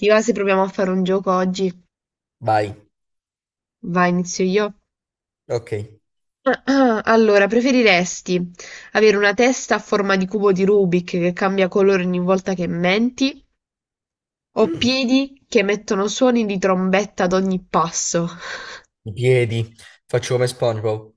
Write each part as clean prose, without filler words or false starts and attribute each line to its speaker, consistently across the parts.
Speaker 1: Ti va se proviamo a fare un gioco oggi?
Speaker 2: Vai,
Speaker 1: Vai, inizio io.
Speaker 2: ok.
Speaker 1: Allora, preferiresti avere una testa a forma di cubo di Rubik che cambia colore ogni volta che menti o
Speaker 2: Mm,
Speaker 1: piedi che emettono suoni di trombetta ad ogni passo?
Speaker 2: I piedi, faccio come SpongeBob.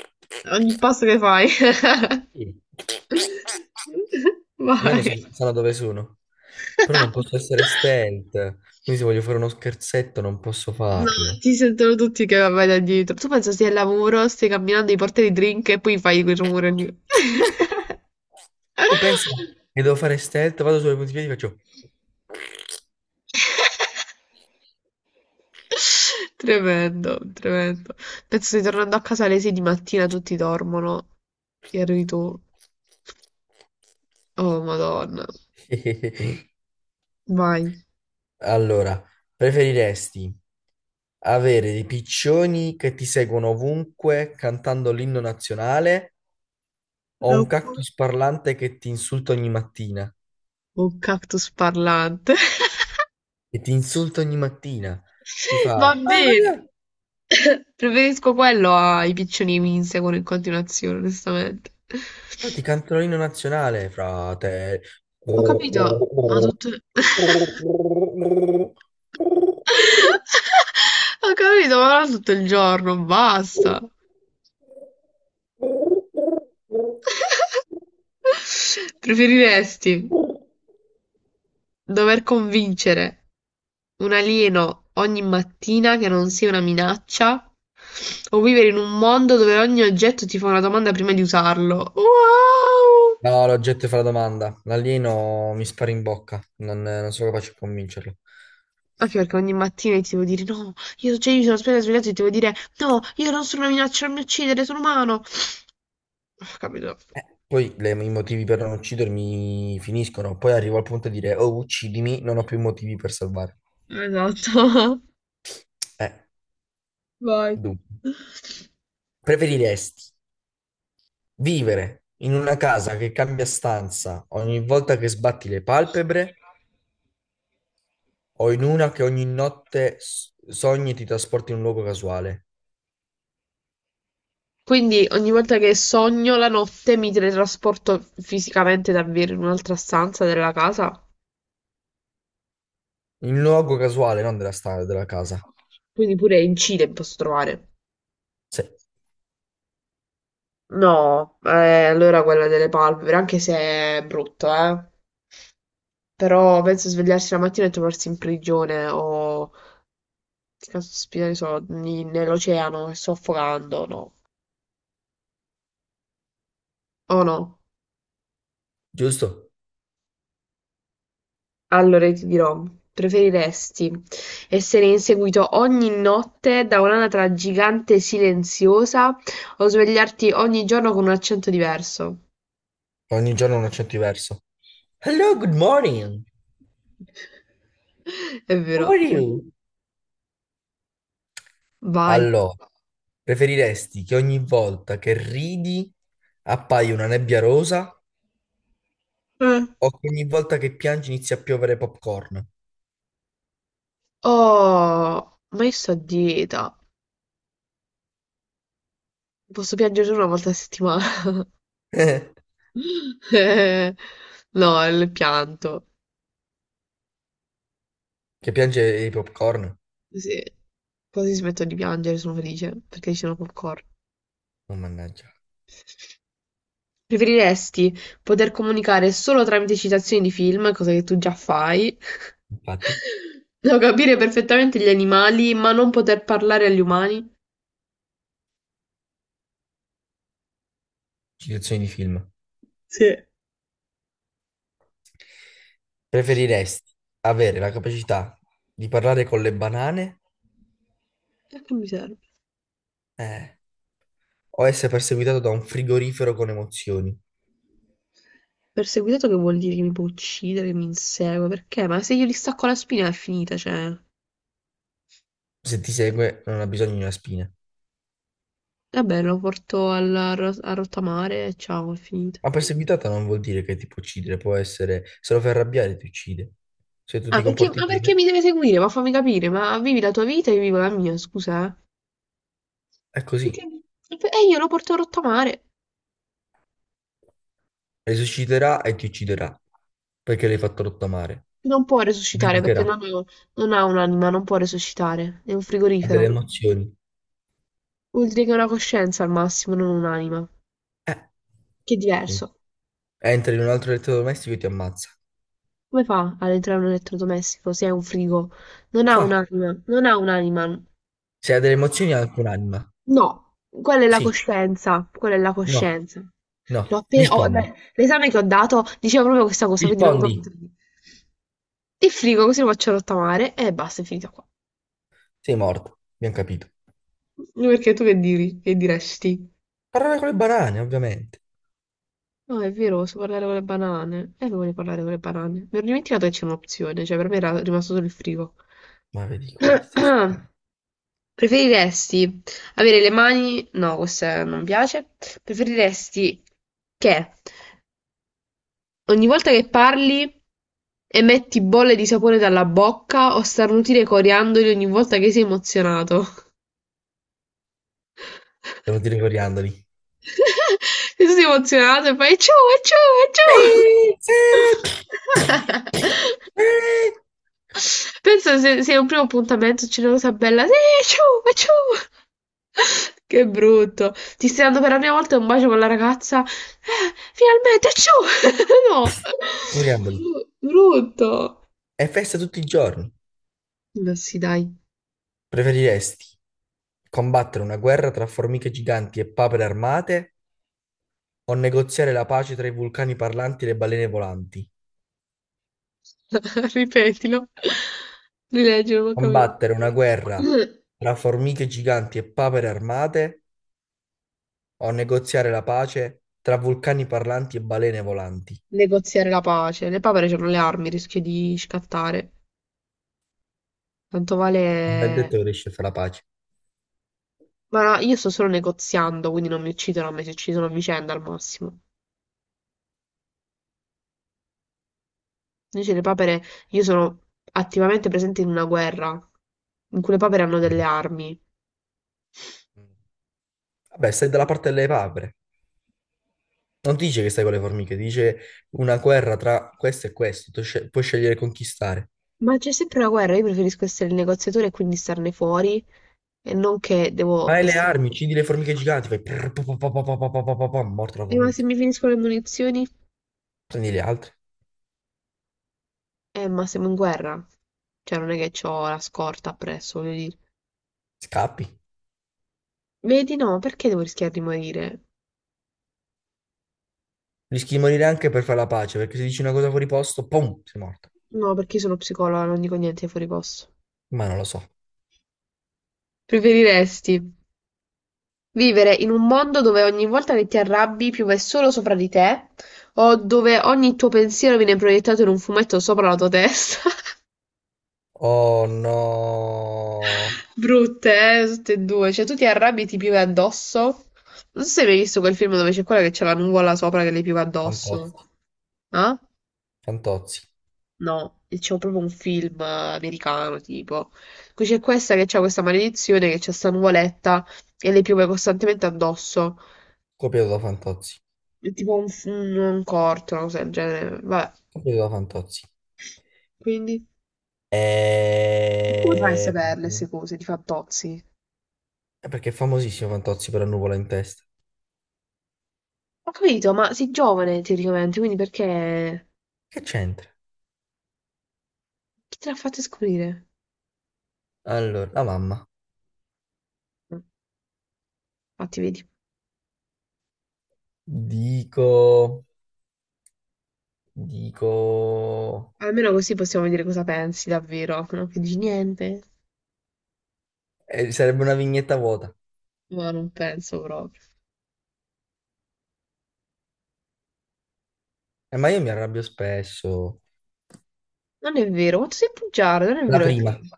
Speaker 1: Ogni passo che fai.
Speaker 2: Sì, almeno
Speaker 1: Vai.
Speaker 2: sanno dove sono. Però non posso essere stealth. Quindi se voglio fare uno scherzetto non posso
Speaker 1: No,
Speaker 2: farlo.
Speaker 1: ti sentono tutti che vai da dietro. Tu pensa, stai al lavoro, stai camminando, ti porti i drink e poi fai quel rumore lì.
Speaker 2: Tu pensi che devo fare stealth? Vado sulle punti piedi e faccio...
Speaker 1: Tremendo, tremendo. Penso stai tornando a casa alle 6 di mattina, tutti dormono e arrivi tu. Oh, Madonna. Vai.
Speaker 2: Allora, preferiresti avere dei piccioni che ti seguono ovunque cantando l'inno nazionale o
Speaker 1: È
Speaker 2: un
Speaker 1: un,
Speaker 2: cactus parlante che ti insulta ogni mattina?
Speaker 1: un cactus parlante.
Speaker 2: E ti insulta ogni mattina. Ti fa,
Speaker 1: Va
Speaker 2: ah, ma via,
Speaker 1: bene. Preferisco quello ai piccioni che mi inseguono in continuazione, onestamente.
Speaker 2: poi ti canto l'inno nazionale, frate.
Speaker 1: Ho capito, ma
Speaker 2: No,
Speaker 1: tutto... Ho capito, ma non tutto il giorno, basta. Preferiresti dover convincere un alieno ogni mattina che non sia una minaccia o vivere in un mondo dove ogni oggetto ti fa una domanda prima di usarlo? Wow!
Speaker 2: l'oggetto fa la domanda. L'alieno mi spara in bocca. Non, non sono capace a convincerlo.
Speaker 1: Anche perché ogni mattina ti devo dire no, io, cioè, io mi sono appena svegliato e ti devo dire no, io non sono una minaccia, non mi uccidere, sono umano. Ah, capito?
Speaker 2: Poi i motivi per non uccidermi finiscono, poi arrivo al punto di dire, oh, uccidimi, non ho più motivi per salvare.
Speaker 1: Esatto.
Speaker 2: Eh,
Speaker 1: Vai.
Speaker 2: dunque, preferiresti vivere in una casa che cambia stanza ogni volta che sbatti le palpebre o in una che ogni notte sogni e ti trasporti in un luogo casuale?
Speaker 1: Quindi ogni volta che sogno la notte mi teletrasporto fisicamente davvero in un'altra stanza della casa.
Speaker 2: In un luogo casuale, non della stanza, della casa.
Speaker 1: Quindi pure in Cile posso trovare.
Speaker 2: Sì,
Speaker 1: No, allora quella delle palpebre, anche se è brutto, eh. Però penso svegliarsi la mattina e trovarsi in prigione o che caspita ne so, nell'oceano e soffocando, no. O no.
Speaker 2: giusto?
Speaker 1: Allora ti dirò, preferiresti essere inseguito ogni notte da un'anatra gigante silenziosa o svegliarti ogni giorno con un accento diverso?
Speaker 2: Ogni giorno un accento diverso. Hello,
Speaker 1: Mm.
Speaker 2: good morning.
Speaker 1: È
Speaker 2: How are
Speaker 1: vero.
Speaker 2: you?
Speaker 1: Vai.
Speaker 2: Allora, preferiresti che ogni volta che ridi appaia una nebbia rosa
Speaker 1: Eh.
Speaker 2: o che ogni volta che piangi inizi a piovere popcorn?
Speaker 1: Oh, ma io sto a dieta. Posso piangere solo una volta a settimana. Eh, no, il pianto.
Speaker 2: Che piange i popcorn?
Speaker 1: Sì. Quasi smetto di piangere, sono felice perché ci sono col coro.
Speaker 2: Oh, mannaggia.
Speaker 1: Preferiresti poter comunicare solo tramite citazioni di film, cosa che tu già fai,
Speaker 2: Infatti,
Speaker 1: o capire perfettamente gli animali, ma non poter parlare agli umani?
Speaker 2: citazioni di film.
Speaker 1: Sì. E
Speaker 2: Preferiresti avere la capacità di parlare con le banane,
Speaker 1: a che mi serve?
Speaker 2: eh, o essere perseguitato da un frigorifero con emozioni?
Speaker 1: Perseguitato che vuol dire, che mi può uccidere, che mi insegue? Perché? Ma se io gli stacco la spina è finita, cioè...
Speaker 2: Se ti segue, non ha bisogno di una spina.
Speaker 1: Vabbè, lo porto a rottamare e ciao, è finita.
Speaker 2: Ma perseguitata non vuol dire che ti può uccidere, può essere, se lo fai arrabbiare ti uccide. Se tu
Speaker 1: Ah,
Speaker 2: ti
Speaker 1: perché,
Speaker 2: comporti
Speaker 1: ma perché
Speaker 2: bene,
Speaker 1: mi deve seguire? Ma fammi capire, ma vivi la tua vita e io vivo la mia, scusa. Eh.
Speaker 2: è così.
Speaker 1: Perché- E io lo porto rotto a mare.
Speaker 2: Risusciterà e ti ucciderà perché l'hai fatto rottamare.
Speaker 1: Non può resuscitare perché
Speaker 2: Vendicherà.
Speaker 1: non ha un'anima, non può resuscitare. È un
Speaker 2: Ha delle
Speaker 1: frigorifero.
Speaker 2: emozioni.
Speaker 1: Vuol dire che ha una coscienza al massimo, non un'anima.
Speaker 2: Eh,
Speaker 1: Che è
Speaker 2: quindi
Speaker 1: diverso.
Speaker 2: entra in un altro elettrodomestico e ti ammazza.
Speaker 1: Come fa ad entrare un elettrodomestico se è un frigo? Non ha
Speaker 2: Fa.
Speaker 1: un'anima, non ha un'anima.
Speaker 2: Se ha delle emozioni ha anche un'anima.
Speaker 1: No, quella è la
Speaker 2: Sì.
Speaker 1: coscienza, quella è la
Speaker 2: No.
Speaker 1: coscienza. L'ho
Speaker 2: No.
Speaker 1: appena... oh,
Speaker 2: Rispondi.
Speaker 1: beh, l'esame che ho dato diceva proprio questa cosa, quindi non mi
Speaker 2: Rispondi.
Speaker 1: posso dire. Li frigo così lo faccio rottamare e basta, è finita qua.
Speaker 2: Sei morto. Abbiamo capito.
Speaker 1: Perché tu che diri? Che diresti?
Speaker 2: Parlare con le banane, ovviamente.
Speaker 1: No, è vero, posso parlare con le banane. E voglio parlare con le banane. Mi ero dimenticato che c'è un'opzione, cioè per me era rimasto solo il frigo.
Speaker 2: Ma vedi queste.
Speaker 1: Preferiresti avere le mani... No, questa non piace. Preferiresti che ogni volta che parli emetti bolle di sapone dalla bocca o starnutire coriandoli ogni volta che sei emozionato?
Speaker 2: Sono tiri coriandoli.
Speaker 1: Sei emozionato e fai ciu, è ciu, è ciu. Pensa se è un primo appuntamento c'è una cosa bella, sì, è ciu, è ciu. Che brutto. Ti stai dando per la prima volta un bacio con la ragazza? Finalmente, è ciu. No.
Speaker 2: Coriandoli.
Speaker 1: Brutto.
Speaker 2: È festa tutti i giorni.
Speaker 1: Ma sì, dai.
Speaker 2: Preferiresti combattere una guerra tra formiche giganti e papere armate o negoziare la pace tra i vulcani parlanti e le balene volanti?
Speaker 1: Ripetilo. Rileggilo, non ho capito.
Speaker 2: Combattere una guerra tra formiche giganti e papere armate o negoziare la pace tra vulcani parlanti e balene volanti?
Speaker 1: Negoziare la pace. Le papere c'hanno le armi, rischio di scattare. Tanto
Speaker 2: Non è
Speaker 1: vale...
Speaker 2: detto che riesci a fare la pace.
Speaker 1: Ma io sto solo negoziando, quindi non mi uccidono a me, si uccidono a vicenda al massimo. Invece le papere, io sono attivamente presente in una guerra, in cui le papere hanno delle armi.
Speaker 2: Vabbè, stai dalla
Speaker 1: Quindi-
Speaker 2: parte delle papere. Non ti dice che stai con le formiche, ti dice una guerra tra questo e questo, tu puoi scegliere di conquistare.
Speaker 1: Ma c'è sempre una guerra, io preferisco essere il negoziatore e quindi starne fuori, e non che
Speaker 2: Ma
Speaker 1: devo...
Speaker 2: hai le
Speaker 1: essere-
Speaker 2: armi, uccidi le formiche giganti, fai prrr, pa, pa, pa, pa, pa, pa, pa, pa, pa, pa, morta la
Speaker 1: Ma se
Speaker 2: formica.
Speaker 1: mi finiscono le munizioni?
Speaker 2: Prendi gli altri,
Speaker 1: Ma siamo in guerra. Cioè, non è che ho la scorta appresso, voglio
Speaker 2: scappi.
Speaker 1: Vedi, no, perché devo rischiare di morire?
Speaker 2: Rischi di morire anche per fare la pace, perché se dici una cosa fuori posto, pum, sei morto.
Speaker 1: No, perché io sono psicologa, non dico niente fuori posto.
Speaker 2: Ma non lo so.
Speaker 1: Preferiresti vivere in un mondo dove ogni volta che ti arrabbi piove solo sopra di te, o dove ogni tuo pensiero viene proiettato in un fumetto sopra la tua testa?
Speaker 2: Oh no.
Speaker 1: Brutte, tutte e due. Cioè, tu ti arrabbi e ti piove addosso? Non so se hai mai visto quel film dove c'è quella che c'è la nuvola sopra che le piove
Speaker 2: Fantozzi,
Speaker 1: addosso. Ah?
Speaker 2: Fantozzi.
Speaker 1: No, c'è proprio un film americano, tipo. Qui c'è questa che c'ha questa maledizione, che c'è sta nuvoletta e le piove costantemente addosso.
Speaker 2: Copiato da Fantozzi.
Speaker 1: È tipo un corto, una cosa del genere. Vabbè,
Speaker 2: Copiato da Fantozzi.
Speaker 1: quindi... Come fai a
Speaker 2: E...
Speaker 1: saperle queste cose? Ti fa tozzi?
Speaker 2: è perché è famosissimo Fantozzi per la nuvola in testa.
Speaker 1: Ho capito, ma sei giovane teoricamente, quindi perché...
Speaker 2: Che c'entra?
Speaker 1: Chi te l'ha fatta scoprire?
Speaker 2: Allora, la mamma.
Speaker 1: Mm, infatti, vedi.
Speaker 2: Dico... Dico...
Speaker 1: Almeno così possiamo dire cosa pensi davvero, no? Che dici niente?
Speaker 2: sarebbe una vignetta vuota.
Speaker 1: Ma non penso proprio.
Speaker 2: Ma io mi arrabbio spesso.
Speaker 1: Non è vero, quanto sei bugiardo, non è
Speaker 2: La
Speaker 1: vero che
Speaker 2: prima.
Speaker 1: ti,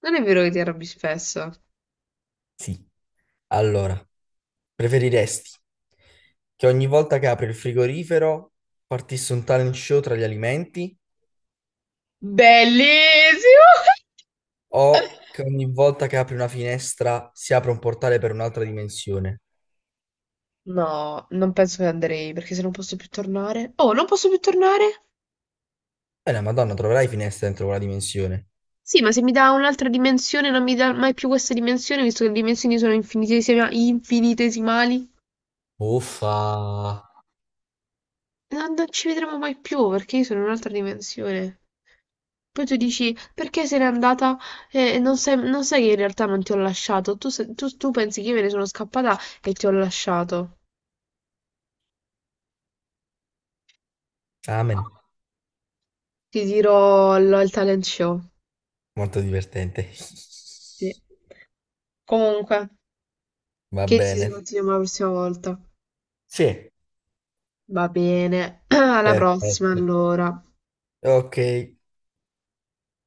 Speaker 1: non è vero che ti arrabbi spesso.
Speaker 2: Sì. Allora, preferiresti che ogni volta che apri il frigorifero partisse un talent show tra gli alimenti
Speaker 1: Bellissimo!
Speaker 2: o che ogni volta che apri una finestra si apra un portale per un'altra dimensione?
Speaker 1: No, non penso che andrei, perché se non posso più tornare... Oh, non posso più tornare?
Speaker 2: La Madonna, troverai finestre dentro quella dimensione.
Speaker 1: Sì, ma se mi dà un'altra dimensione, non mi dà mai più questa dimensione, visto che le dimensioni sono infinitesimali.
Speaker 2: Uffa!
Speaker 1: Non ci vedremo mai più perché io sono in un'altra dimensione. Poi tu dici perché se n'è andata e non sai, non sai che in realtà non ti ho lasciato. Tu, tu pensi che io me ne sono scappata e ti ho lasciato.
Speaker 2: Amen.
Speaker 1: Ti dirò il talent show.
Speaker 2: Molto divertente.
Speaker 1: Sì. Comunque,
Speaker 2: Va
Speaker 1: che ci si
Speaker 2: bene.
Speaker 1: continuiamo la prossima volta.
Speaker 2: Sì,
Speaker 1: Va bene, alla prossima
Speaker 2: perfetto.
Speaker 1: allora.
Speaker 2: Ok.